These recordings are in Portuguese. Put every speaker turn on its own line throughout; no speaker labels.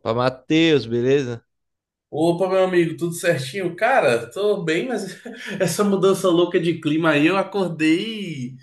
Pra Matheus, beleza?
Opa, meu amigo, tudo certinho? Cara, tô bem, mas essa mudança louca de clima aí, eu acordei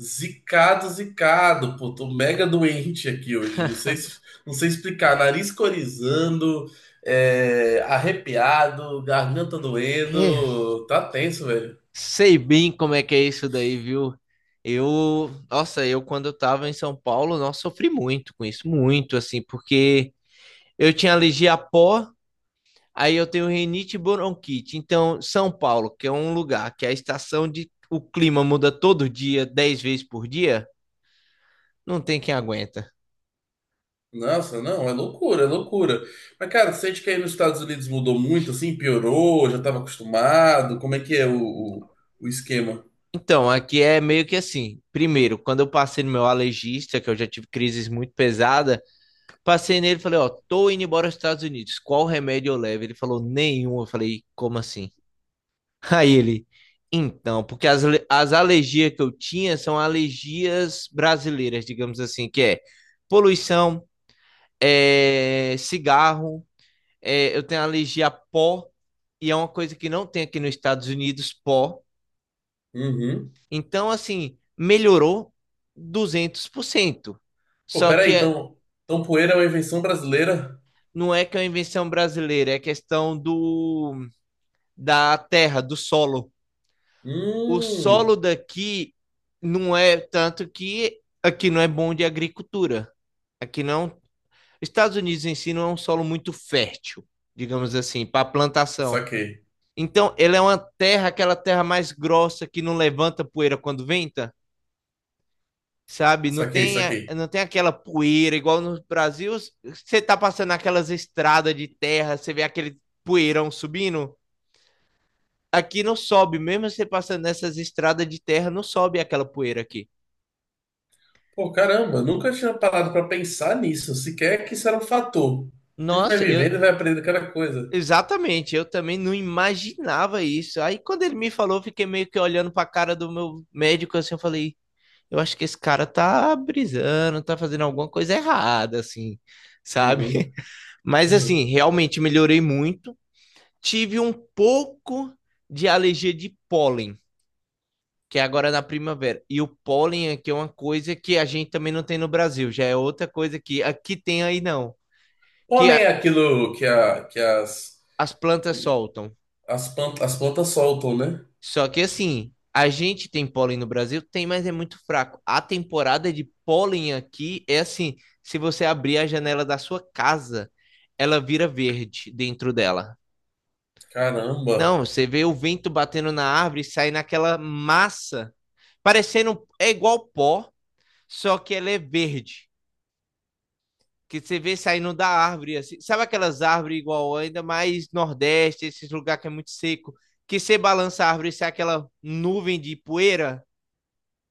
zicado, zicado, pô, tô mega doente aqui hoje, não sei, não sei explicar, nariz corizando, arrepiado, garganta
É,
doendo, tá tenso, velho.
sei bem como é que é isso daí, viu? Eu, nossa, eu quando eu tava em São Paulo, nossa, sofri muito com isso, muito assim, porque eu tinha alergia a pó, aí eu tenho rinite e bronquite. Então, São Paulo, que é um lugar que a estação de o clima muda todo dia, 10 vezes por dia, não tem quem aguenta.
Nossa, não, é loucura, é loucura. Mas, cara, você sente que aí nos Estados Unidos mudou muito, assim, piorou, já tava acostumado, como é que é o esquema?
Então, aqui é meio que assim. Primeiro, quando eu passei no meu alergista, que eu já tive crises muito pesadas, passei nele e falei: ó, tô indo embora aos Estados Unidos. Qual remédio eu levo? Ele falou: nenhum. Eu falei: como assim? Aí ele, então, porque as alergias que eu tinha são alergias brasileiras, digamos assim, que é poluição, é, cigarro, é, eu tenho alergia a pó, e é uma coisa que não tem aqui nos Estados Unidos, pó.
Uhum.
Então, assim, melhorou 200%.
Pô,
Só que
peraí,
é-
então poeira é uma invenção brasileira?
não é que é uma invenção brasileira, é questão do da terra, do solo. O
Hum,
solo daqui não é tanto que aqui não é bom de agricultura. Aqui não. Estados Unidos em si não é um solo muito fértil, digamos assim, para plantação.
saquei,
Então, ele é uma terra, aquela terra mais grossa que não levanta poeira quando venta, sabe? Não
saquei,
tem, a-
saquei.
não tem aquela poeira igual no Brasil. Você tá passando aquelas estradas de terra, você vê aquele poeirão subindo. Aqui não sobe, mesmo você passando nessas estradas de terra, não sobe aquela poeira aqui.
Pô, caramba, nunca tinha parado pra pensar nisso, sequer que isso era um fator. A gente vai
Nossa,
vivendo
eu.
e vai aprendendo cada coisa.
Exatamente, eu também não imaginava isso. Aí quando ele me falou, eu fiquei meio que olhando pra cara do meu médico assim, eu falei: eu acho que esse cara tá brisando, tá fazendo alguma coisa errada, assim, sabe?
Uhum.
Mas assim,
Uhum.
realmente melhorei muito. Tive um pouco de alergia de pólen, que é agora na primavera. E o pólen aqui é uma coisa que a gente também não tem no Brasil, já é outra coisa que aqui tem aí não, que
Pólen é
a-
aquilo que, que as,
as plantas soltam.
as plantas soltam, né?
Só que assim, a gente tem pólen no Brasil? Tem, mas é muito fraco. A temporada de pólen aqui é assim, se você abrir a janela da sua casa, ela vira verde dentro dela. Não,
Caramba.
você vê o vento batendo na árvore e sai naquela massa, parecendo, é igual pó, só que ela é verde. Que você vê saindo da árvore, assim. Sabe aquelas árvores igual ainda mais Nordeste, esses lugares que é muito seco, que você balança a árvore e sai aquela nuvem de poeira?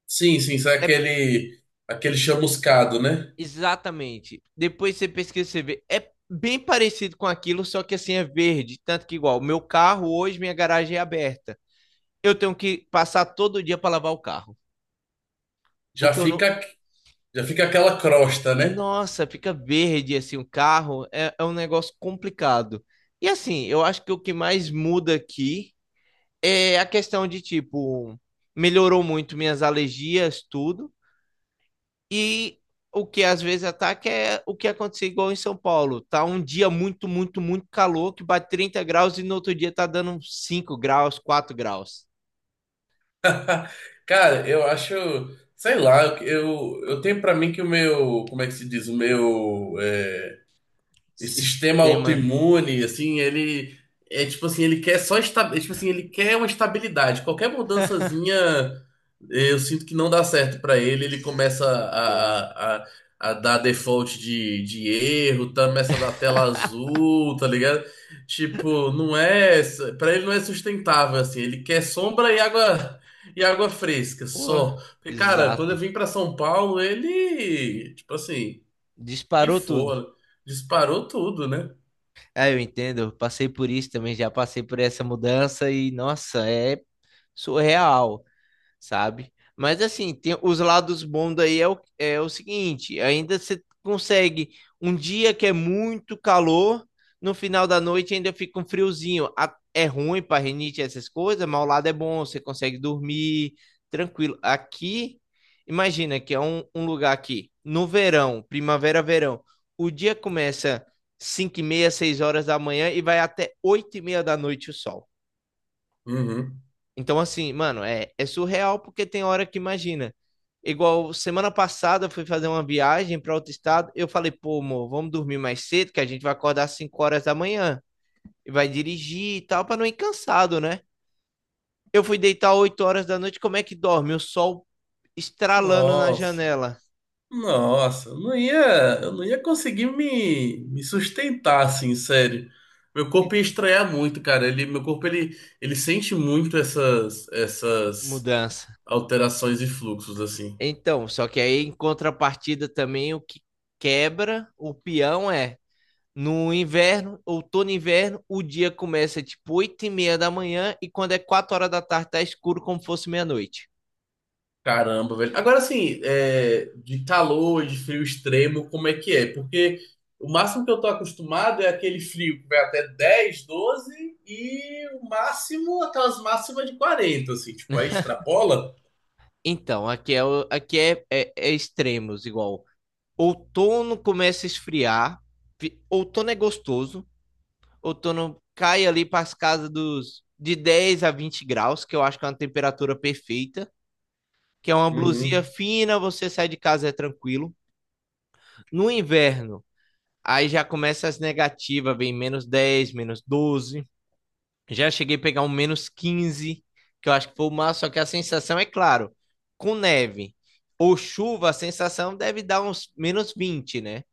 Sim, sim, isso é
É,
aquele chamuscado, né?
exatamente. Depois você pesquisa, você vê. É bem parecido com aquilo, só que assim é verde. Tanto que igual, meu carro hoje, minha garagem é aberta. Eu tenho que passar todo dia para lavar o carro.
Já
Porque eu não.
fica, já fica aquela crosta, né?
Nossa, fica verde assim o carro. É um negócio complicado. E assim, eu acho que o que mais muda aqui é a questão de tipo, melhorou muito minhas alergias, tudo. E o que às vezes ataca é o que aconteceu igual em São Paulo. Tá um dia muito, muito, muito calor, que bate 30 graus e no outro dia tá dando 5 graus, 4 graus.
Cara, eu acho, sei lá, eu tenho pra mim que o meu, como é que se diz, o meu, esse sistema
Sistema
autoimune, assim, ele é tipo assim, ele quer só esta, é, tipo assim, ele quer uma estabilidade. Qualquer mudançazinha, eu sinto que não dá certo pra ele, ele começa
inteiro.
a dar default de erro, tá, começa a dar tela azul, tá ligado? Tipo, não é, pra ele não é sustentável assim, ele quer sombra e água. E água fresca, só.
Porra,
Porque, cara, quando eu
exato.
vim pra São Paulo, ele, tipo assim,
Disparou tudo.
pifou, disparou tudo, né?
É, eu entendo. Eu passei por isso também, já passei por essa mudança e, nossa, é surreal. Sabe? Mas assim, tem os lados bons, daí é o seguinte: ainda você consegue um dia que é muito calor, no final da noite ainda fica um friozinho. É ruim para rinite e essas coisas, mas o lado é bom, você consegue dormir tranquilo. Aqui, imagina que é um lugar aqui, no verão, primavera, verão, o dia começa 5 e meia, 6 horas da manhã e vai até 8h30 da noite o sol.
Uhum.
Então, assim, mano, é surreal porque tem hora que imagina. Igual semana passada eu fui fazer uma viagem para outro estado. Eu falei: pô, amor, vamos dormir mais cedo que a gente vai acordar às 5 horas da manhã e vai dirigir e tal, para não ir cansado, né? Eu fui deitar 8 horas da noite, como é que dorme? O sol estralando na
Nossa,
janela.
nossa, eu não ia conseguir me sustentar assim, sério. Meu corpo ia
Ent-
estranhar muito, cara. Meu corpo ele sente muito essas
Mudança.
alterações e fluxos assim.
Então, só que aí em contrapartida também o que quebra o peão é, no inverno, outono e inverno, o dia começa tipo 8h30 da manhã e quando é 4 horas da tarde tá escuro como se fosse meia-noite.
Caramba, velho. Agora, assim, de calor, de frio extremo, como é que é? Porque o máximo que eu tô acostumado é aquele frio que vai até 10, 12, e o máximo, aquelas máximas de 40, assim, tipo, aí extrapola.
Então, aqui é extremos, igual. Outono começa a esfriar, outono é gostoso, outono cai ali para as casas dos de 10 a 20 graus, que eu acho que é uma temperatura perfeita, que é uma blusinha
Uhum,
fina, você sai de casa é tranquilo. No inverno, aí já começa as negativas, vem -10, -12. Já cheguei a pegar um -15, que eu acho que foi o máximo, só que a sensação, é claro, com neve ou chuva, a sensação deve dar uns -20, né?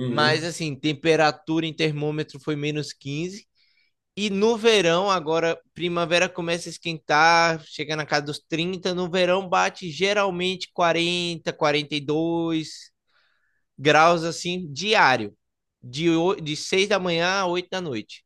Mas assim, temperatura em termômetro foi -15. E no verão, agora, primavera começa a esquentar, chega na casa dos 30. No verão, bate geralmente 40, 42 graus assim, diário. De, de 6 da manhã a 8 da noite.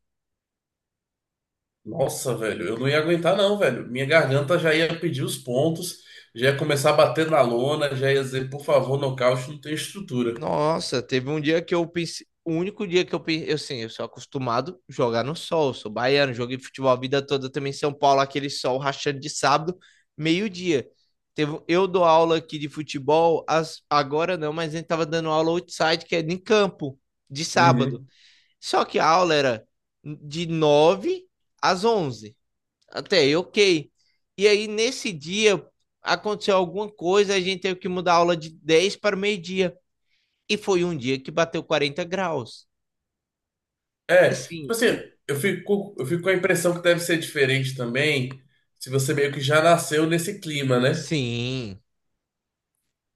Nossa, velho, eu não ia aguentar não, velho. Minha garganta já ia pedir os pontos, já ia começar a bater na lona, já ia dizer, por favor, nocaute, não tem estrutura.
Nossa, teve um dia que eu pensei. O único dia que eu pensei. Eu, assim, eu sou acostumado a jogar no sol, sou baiano, joguei futebol a vida toda também em São Paulo, aquele sol rachando de sábado, meio-dia. Teve, eu dou aula aqui de futebol, agora não, mas a gente tava dando aula outside, que é em campo, de sábado.
Uhum.
Só que a aula era de 9 às 11. Até aí, ok. E aí, nesse dia, aconteceu alguma coisa, a gente teve que mudar a aula de 10 para meio-dia. E foi um dia que bateu 40 graus. E
É, tipo
assim,
assim, eu fico com a impressão que deve ser diferente também, se você meio que já nasceu nesse clima, né?
sim,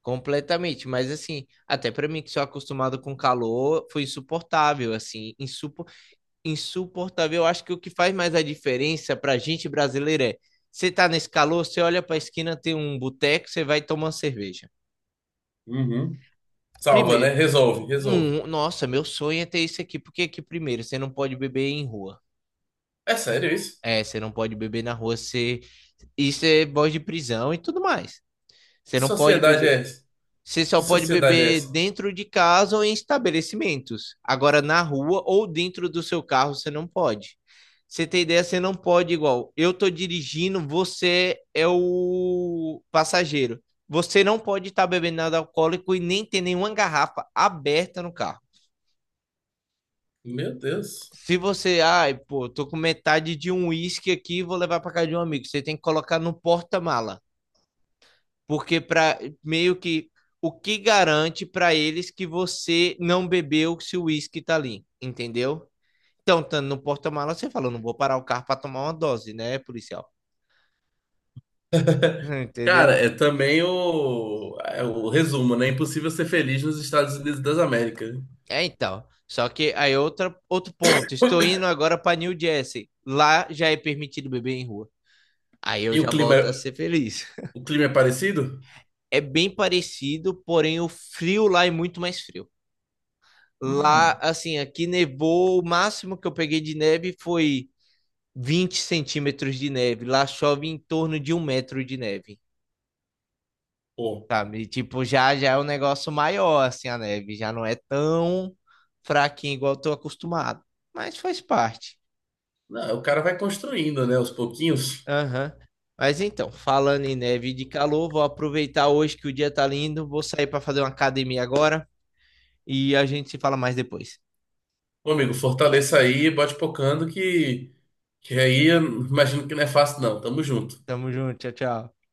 completamente. Mas assim, até para mim que sou acostumado com calor, foi insuportável, assim, insuportável. Eu acho que o que faz mais a diferença para gente brasileira é, você tá nesse calor, você olha para a esquina, tem um boteco, você vai tomar uma cerveja.
Uhum. Salva, né?
Primeiro,
Resolve, resolve.
hum, nossa, meu sonho é ter isso aqui, porque aqui primeiro, você não pode beber em rua.
É sério isso?
É, você não pode beber na rua, isso é voz de prisão e tudo mais. Você
Que
não pode
sociedade é
beber.
essa?
Você só
Que
pode
sociedade é
beber
essa?
dentro de casa ou em estabelecimentos. Agora, na rua ou dentro do seu carro, você não pode. Você tem ideia, você não pode igual. Eu tô dirigindo, você é o passageiro. Você não pode estar bebendo nada alcoólico e nem ter nenhuma garrafa aberta no carro.
Meu Deus.
Se você, ai, pô, tô com metade de um uísque aqui, vou levar pra casa de um amigo. Você tem que colocar no porta-mala, porque para meio que o que garante pra eles que você não bebeu se o uísque tá ali, entendeu? Então, estando no porta-mala, você fala: não vou parar o carro pra tomar uma dose, né, policial?
Cara,
Entendeu?
é também o resumo, né? Impossível ser feliz nos Estados Unidos das Américas.
É, então. Só que aí é outro ponto. Estou indo agora pra New Jersey. Lá já é permitido beber em rua. Aí eu
E o
já
clima,
volto a ser feliz.
o clima é parecido?
É bem parecido, porém o frio lá é muito mais frio. Lá,
Hum,
assim, aqui nevou, o máximo que eu peguei de neve foi 20 centímetros de neve. Lá chove em torno de um metro de neve,
pô.
sabe? Tipo, já é um negócio maior, assim, a neve. Já não é tão fraquinho igual eu tô acostumado. Mas faz parte.
Não, o cara vai construindo, né? Aos pouquinhos.
Aham. Mas então, falando em neve e de calor, vou aproveitar hoje que o dia tá lindo, vou sair para fazer uma academia agora e a gente se fala mais depois.
Meu amigo, fortaleça aí, bote pocando que, aí eu imagino que não é fácil não. Tamo junto.
Tamo junto, tchau, tchau.